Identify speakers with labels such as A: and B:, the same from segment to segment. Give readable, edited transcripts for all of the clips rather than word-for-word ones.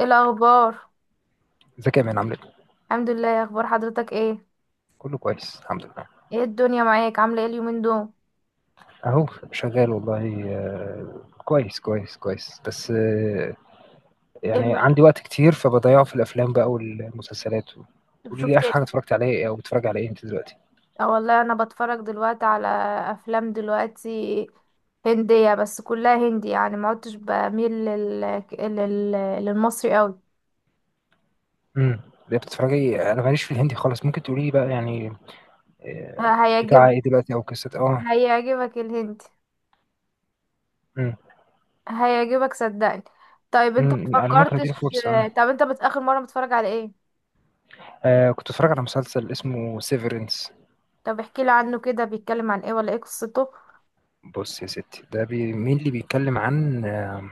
A: ايه الاخبار؟
B: ازيك يا مان، عامل ايه؟
A: الحمد لله، يا اخبار حضرتك ايه؟
B: كله كويس، الحمد لله.
A: ايه الدنيا معاك عامله ايه اليومين دول؟
B: اهو شغال والله، كويس كويس كويس. بس
A: ايه
B: يعني
A: المس...
B: عندي وقت كتير فبضيعه في الافلام بقى والمسلسلات قولي لي،
A: شفت
B: اخر
A: ايه؟
B: حاجه اتفرجت عليها ايه، او بتتفرج على ايه انت دلوقتي؟
A: اه والله، انا بتفرج دلوقتي على افلام دلوقتي هنديه، بس كلها هندي يعني، ما عدتش بميل لل... للمصري قوي.
B: امم. ليه بتتفرجي؟ انا ماليش في الهندي خالص، ممكن تقولي لي بقى يعني آه،
A: ه-
B: بتاع
A: هيعجب
B: ايه دلوقتي او قصه؟ اه.
A: هيعجبك الهندي،
B: امم.
A: هيعجبك صدقني. طيب انت
B: امم،
A: ما
B: انا ممكن اديله
A: فكرتش،
B: فرصه آه.
A: اخر مره متفرج على ايه؟
B: كنت اتفرج على مسلسل اسمه سيفرنس.
A: طب احكي لي عنه كده، بيتكلم عن ايه ولا ايه قصته؟
B: بص يا ستي، ده مين اللي بيتكلم عن آه،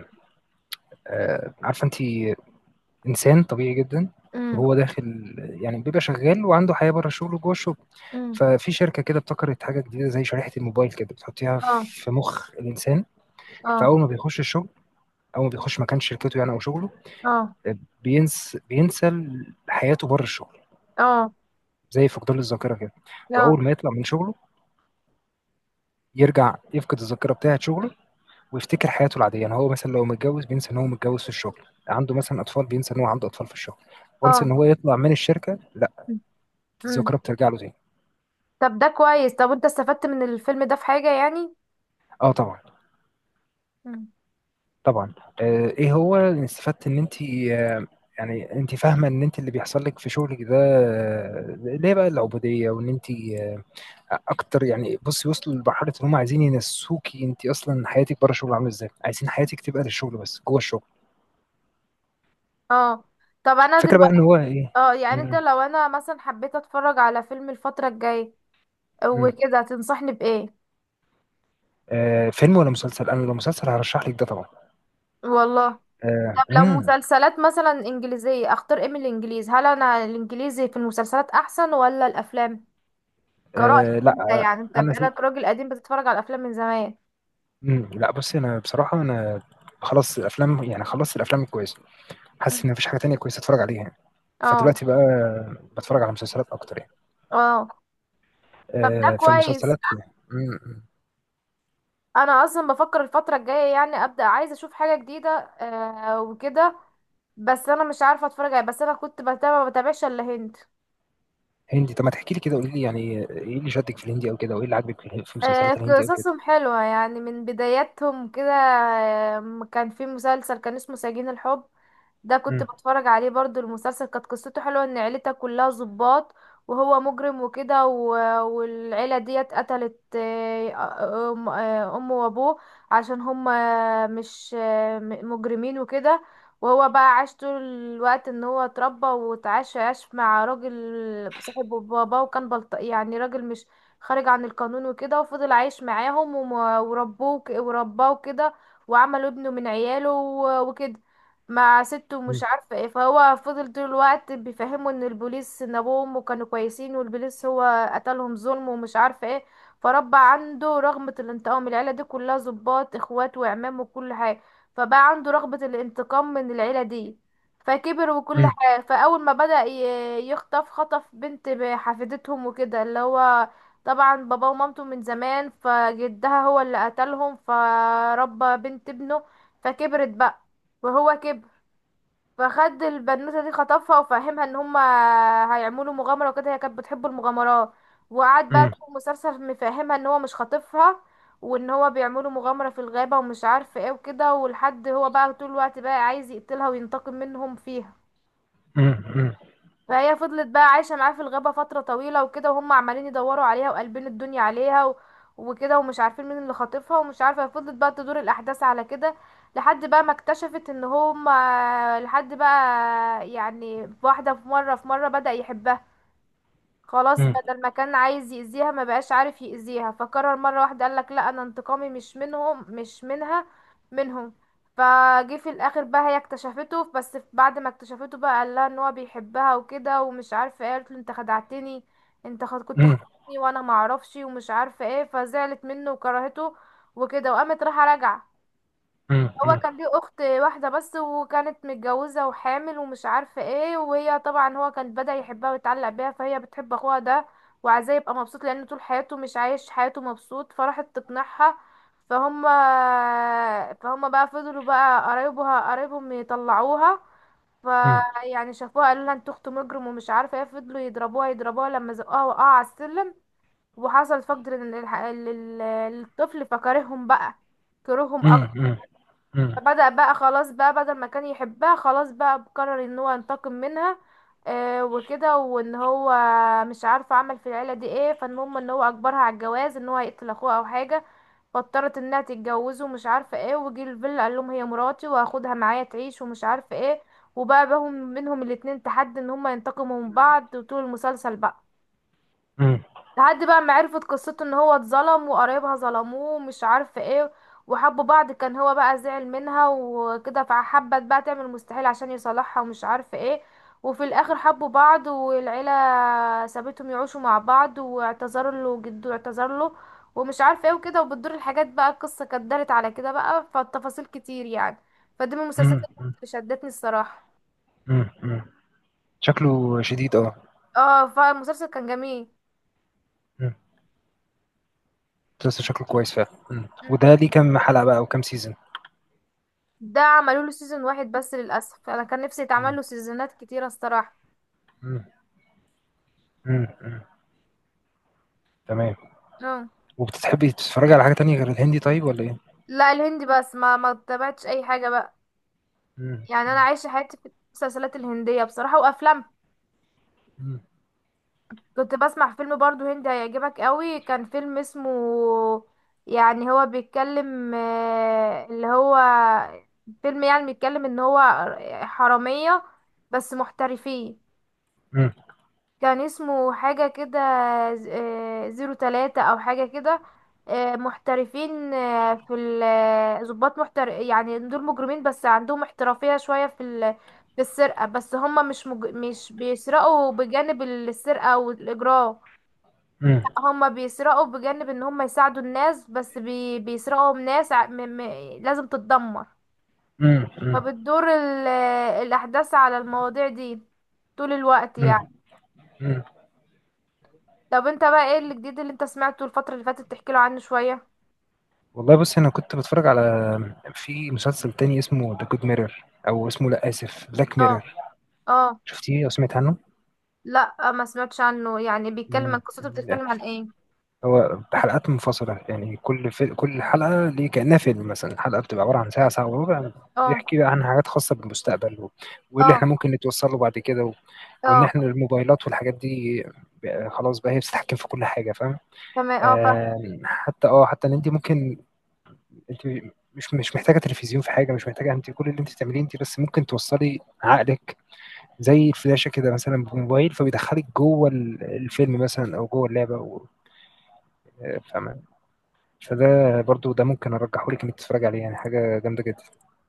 B: آه، عارفه انت، انسان طبيعي جدا.
A: امم.
B: وهو داخل يعني بيبقى شغال وعنده حياه بره الشغل وجوه الشغل.
A: امم.
B: ففي شركه كده ابتكرت حاجه جديده زي شريحه الموبايل كده، بتحطيها
A: اه.
B: في مخ الانسان.
A: اه.
B: فاول ما بيخش الشغل، اول ما بيخش مكان شركته يعني او شغله،
A: اه.
B: بينسى حياته بره الشغل،
A: اه.
B: زي فقدان الذاكره كده.
A: اه.
B: واول ما يطلع من شغله يرجع يفقد الذاكره بتاعه شغله، ويفتكر حياته العاديه. يعني هو مثلا لو متجوز بينسى ان هو متجوز في الشغل، عنده مثلا اطفال بينسى ان هو عنده اطفال في الشغل. وانس ان
A: اه.
B: هو يطلع من الشركه، لا،
A: مم. مم.
B: الذاكره بترجع له تاني.
A: طب ده كويس، طب انت استفدت من الفيلم ده في حاجة يعني؟
B: اه، طبعا.
A: مم.
B: طبعا. ايه هو اللي استفدت ان انت، آه، يعني انت فاهمه ان انت اللي بيحصل لك في شغلك ده، ليه بقى العبوديه، وان انت آه، اكتر. يعني بصي، وصلوا لمرحله ان هم عايزين ينسوكي انت اصلا حياتك بره الشغل عامله ازاي، عايزين حياتك تبقى للشغل بس جوه الشغل.
A: اه، طب انا
B: فكره بقى
A: دلوقتي،
B: ان هو ايه.
A: اه يعني انت
B: مم.
A: لو انا مثلا حبيت اتفرج على فيلم الفترة الجاية
B: مم.
A: وكده، تنصحني بإيه؟
B: فيلم ولا مسلسل؟ انا لو مسلسل هرشح لك ده طبعا.
A: والله. طب لو
B: مم.
A: مسلسلات مثلا انجليزية، اختار ايه من الانجليز؟ هل انا الانجليزي في المسلسلات احسن ولا الافلام؟ كرأيك انت
B: لا.
A: يعني، انت
B: انا سي...
A: بقالك راجل قديم بتتفرج على الافلام من زمان.
B: لا، بصي انا بصراحه، انا خلاص الافلام، يعني خلصت الافلام الكويسه.
A: مم.
B: حاسس ان مفيش حاجه تانية كويسه اتفرج عليها يعني.
A: اه.
B: فدلوقتي بقى بتفرج على مسلسلات اكتر يعني.
A: اه. طب ده كويس،
B: فالمسلسلات. مم.
A: انا اصلا بفكر الفتره الجايه يعني ابدا عايزه اشوف حاجه جديده وكده، بس انا مش عارفه اتفرج على بس انا كنت بتابع، ما بتابعش الا هند.
B: هندي؟ طب ما تحكي لي كده، قولي لي يعني ايه اللي شدك في الهندي او كده، وايه اللي عاجبك في المسلسلات الهندي او كده.
A: قصصهم حلوة يعني من بداياتهم كده. كان في مسلسل كان اسمه سجين الحب، ده كنت
B: مم.
A: بتفرج عليه برضو. المسلسل كانت قصته حلوة، ان عيلتها كلها ضباط وهو مجرم وكده، والعيلة ديت قتلت امه وابوه، عشان هم مش مجرمين وكده. وهو بقى عاش طول الوقت ان هو اتربى، عاش مع راجل صاحب باباه، وكان بلط يعني، راجل مش خارج عن القانون وكده، وفضل عايش معاهم، ورباه كده، وعملوا ابنه من عياله وكده، مع سته مش
B: مم.
A: عارفة ايه. فهو فضل طول الوقت بيفهمه ان البوليس، ان ابوه وامه كانوا كويسين، والبوليس هو قتلهم ظلم ومش عارفة ايه. فربى عنده رغبة الانتقام، العيلة دي كلها ضباط اخوات وعمام وكل حاجة، فبقى عنده رغبة الانتقام من العيلة دي. فكبر وكل
B: مم.
A: حاجة. فأول ما بدأ يخطف، خطف بنت حفيدتهم وكده، اللي هو طبعا بابا ومامته من زمان، فجدها هو اللي قتلهم. فربى بنت ابنه. فكبرت بقى وهو كبر. فخد البنوتة دي خطفها، وفهمها ان هما هيعملوا مغامرة وكده، هي كانت بتحب المغامرات، وقعد بقى
B: مم.
A: طول المسلسل مفهمها ان هو مش خاطفها، وان هو بيعملوا مغامرة في الغابة ومش عارف ايه وكده، ولحد هو بقى طول الوقت بقى عايز يقتلها وينتقم منهم فيها.
B: مم. مم.
A: فهي فضلت بقى عايشة معاه في الغابة فترة طويلة وكده، وهم عمالين يدوروا عليها وقلبين الدنيا عليها وكده، ومش عارفين مين اللي خاطفها ومش عارفة. فضلت بقى تدور الأحداث على كده لحد بقى ما اكتشفت ان هم، لحد بقى يعني واحدة في مرة، بدأ يحبها. خلاص
B: مم.
A: بدل ما كان عايز يأذيها، ما بقاش عارف يأذيها، فقرر مرة واحدة، قالك لا انا انتقامي مش منهم مش منها، منهم. فجه في الاخر بقى هي اكتشفته، بس بعد ما اكتشفته بقى قال لها ان هو بيحبها وكده ومش عارفه ايه. قالت له انت خدعتني، كنت خدتني وانا ما اعرفش ومش عارفه ايه، فزعلت منه وكرهته وكده، وقامت رايحه راجعه.
B: مم.
A: هو
B: مم.
A: كان ليه اخت واحده بس، وكانت متجوزه وحامل ومش عارفه ايه، وهي طبعا هو كان بدأ يحبها ويتعلق بيها، فهي بتحب اخوها ده وعايزاه يبقى مبسوط، لان طول حياته مش عايش حياته مبسوط، فراحت تقنعها. فهم فهم بقى فضلوا بقى قرايبهم يطلعوها،
B: مم.
A: فيعني شافوها قالوا لها انت اخت مجرم ومش عارفه ايه، فضلوا يضربوها يضربوها لما زقوها وقعوا على السلم، وحصل فقد للطفل فكرههم بقى، كرههم
B: مم.
A: اكتر.
B: مم. مم.
A: فبدأ بقى خلاص بقى، بدل ما كان يحبها خلاص بقى قرر ان هو ينتقم منها، وكده، وان هو مش عارفه عمل في العيله دي ايه. فالمهم ان هو اجبرها على الجواز، ان هو هيقتل اخوها او حاجه، فاضطرت انها تتجوزه ومش عارفه ايه. وجي الفيلا قال لهم هي مراتي وهاخدها معايا تعيش ومش عارفه ايه، وبقى منهم الاتنين تحدي ان هما ينتقموا من بعض وطول المسلسل بقى،
B: مم.
A: لحد بقى ما عرفت قصته ان هو اتظلم وقرايبها ظلموه ومش عارفه ايه، وحبوا بعض. كان هو بقى زعل منها وكده، فحبت بقى تعمل مستحيل عشان يصالحها ومش عارفه ايه، وفي الاخر حبوا بعض، والعيله سابتهم يعيشوا مع بعض، واعتذر له جده، اعتذر له ومش عارفه ايه وكده، وبتدور الحاجات بقى. القصه كانت دارت على كده بقى، فالتفاصيل كتير يعني. فدي من المسلسلات
B: مم.
A: اللي شدتني الصراحه.
B: مم. مم. شكله شديد، اه.
A: اه، فالمسلسل كان جميل.
B: مم. مسلسل شكله كويس فعلا. مم. وده ليه كام حلقة بقى وكام سيزون؟
A: ده عملوا له سيزون واحد بس للاسف، انا كان نفسي يتعمل
B: مم.
A: له سيزونات كتيره الصراحه.
B: مم. مم. مم. تمام.
A: اه.
B: وبتحبي تتفرجي على حاجة تانية غير الهندي طيب، ولا ايه؟
A: لا، الهندي بس، ما تابعتش اي حاجه بقى،
B: مم.
A: يعني انا عايشه حياتي في المسلسلات الهنديه بصراحه وافلام.
B: مم.
A: كنت بسمع فيلم برضو هندي هيعجبك قوي، كان فيلم اسمه، يعني هو بيتكلم اللي هو فيلم يعني بيتكلم ان هو حراميه بس محترفين.
B: مم.
A: كان اسمه حاجة كده، زيرو تلاتة أو حاجة كده. محترفين، آه، في ال- آه، ضباط يعني، دول مجرمين بس عندهم احترافية شوية في السرقة، بس هما مش بيسرقوا. بجانب السرقة والإجرام،
B: مم.
A: هما بيسرقوا بجانب ان هما يساعدوا الناس، بس بيسرقوا من ناس لازم تتدمر.
B: مم. مم.
A: فبتدور الأحداث على المواضيع دي طول الوقت
B: مم.
A: يعني.
B: مم.
A: طب انت بقى ايه الجديد اللي انت سمعته الفترة اللي فاتت، تحكي له عنه شوية.
B: والله، بص، انا كنت بتفرج على في مسلسل تاني اسمه ذا جود ميرور، او اسمه، لا، اسف، بلاك
A: اه.
B: ميرور.
A: اه.
B: شفتيه او سمعت عنه؟
A: لا، ما سمعتش عنه يعني، بيتكلم عن
B: مم.
A: قصته بتتكلم عن ايه؟
B: هو حلقات منفصلة، يعني كل حلقة ليه كأنها فيلم. مثلا الحلقة بتبقى عبارة عن ساعة، ساعة وربع.
A: اه.
B: بيحكي بقى عن حاجات خاصة بالمستقبل، و... واللي
A: اه.
B: احنا ممكن نتوصل له بعد كده، و... وإن
A: اه.
B: احنا الموبايلات والحاجات دي بقى خلاص بقى هي بتتحكم في كل حاجة، فاهم.
A: تمام. اه،
B: حتى إن أنت ممكن، أنت مش محتاجة تلفزيون في حاجة، مش محتاجة، أنت كل اللي أنت تعمليه أنت بس ممكن توصلي عقلك زي الفلاشة كده مثلا بموبايل، فبيدخلك جوه الفيلم مثلا، أو جوه اللعبة. و... فاهمة. فده برضو، ده ممكن ارجحه لك انك تتفرج عليه، يعني حاجه جامده جدا.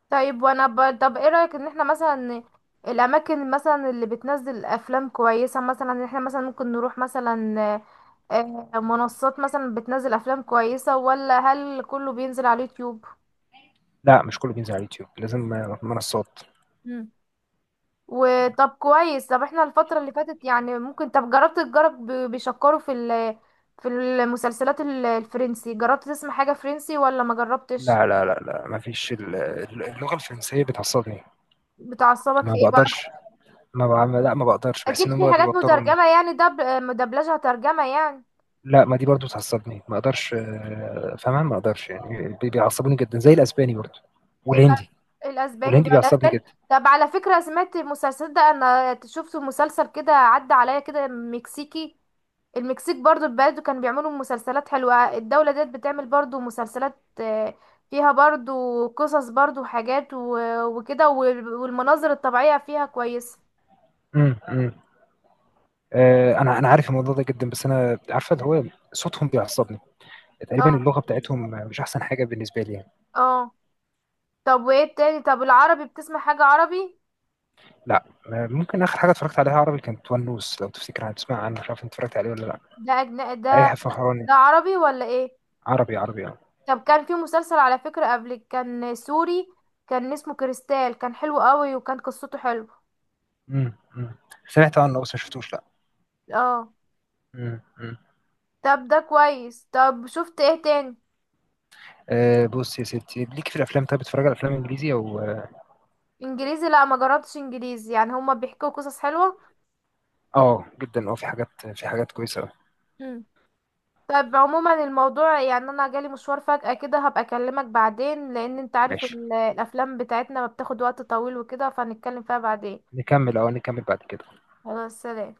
A: طيب. طب ايه رأيك، ان احنا مثلا الاماكن مثلا اللي بتنزل افلام كويسة، مثلا ان احنا مثلا ممكن نروح مثلا منصات مثلا بتنزل افلام كويسة، ولا هل كله بينزل على اليوتيوب؟
B: لا، مش كله بينزل على اليوتيوب، لازم منصات.
A: وطب كويس، طب احنا الفترة اللي فاتت يعني ممكن، طب تجرب بيشكروا في المسلسلات الفرنسي، جربت تسمع حاجة فرنسي ولا ما جربتش؟
B: لا، لا، لا، لا، ما فيش اللغه الفرنسيه بتعصبني.
A: بتعصبك
B: ما
A: في ايه بقى؟
B: بقدرش. ما بعمل لا، ما بقدرش، بحس
A: اكيد
B: ان
A: في
B: هم
A: حاجات
B: بيوتروني.
A: مترجمة يعني، مدبلجة ترجمة يعني.
B: لا، ما دي برضو بتعصبني، ما اقدرش فاهمها، ما اقدرش يعني بيعصبوني جدا، زي الاسباني برضو
A: يبقى
B: والهندي.
A: الاسباني
B: والهندي
A: بقى
B: بيعصبني
A: الاسباني.
B: جدا.
A: طب على فكرة سمعت المسلسل ده، انا شفت مسلسل كده عدى عليا كده مكسيكي. المكسيك برضو البلد كانوا بيعملوا مسلسلات حلوة، الدولة ديت بتعمل برضو مسلسلات، فيها برضو قصص برضو حاجات وكده، والمناظر الطبيعية فيها كويسة.
B: امم، امم. انا عارف الموضوع ده جدا، بس انا عارفه اللي هو صوتهم بيعصبني. تقريبا
A: اه.
B: اللغه بتاعتهم مش احسن حاجه بالنسبه لي يعني.
A: اه. طب وايه التاني؟ طب العربي بتسمع حاجة عربي؟
B: لا. ممكن اخر حاجه اتفرجت عليها عربي كانت ونوس، لو تفتكر، تسمع عنه، مش عارف انت اتفرجت عليه ولا لا.
A: ده،
B: اي فخراني.
A: ده عربي ولا ايه؟
B: عربي، عربي، اه.
A: طب كان في مسلسل على فكرة قبل كان سوري، كان اسمه كريستال كان حلو قوي وكان قصته حلوة.
B: أمم، أمم. سمعت عنه بس ما شفتوش، لا.
A: اه.
B: أمم، أمم.
A: طب ده كويس، طب شفت ايه تاني؟
B: بص يا ستي، ليك في الافلام. طيب بتتفرج على افلام انجليزي، او؟
A: انجليزي؟ لا ما جربتش انجليزي، يعني هما بيحكوا قصص حلوة.
B: اه، جدا. اه، في حاجات كويسه أوي.
A: مم. طب عموما الموضوع يعني انا جالي مشوار فجأة كده، هبقى اكلمك بعدين، لان انت عارف
B: ماشي.
A: الافلام بتاعتنا ما بتاخد وقت طويل وكده، فهنتكلم فيها بعدين.
B: نكمل بعد كده.
A: خلاص، سلام.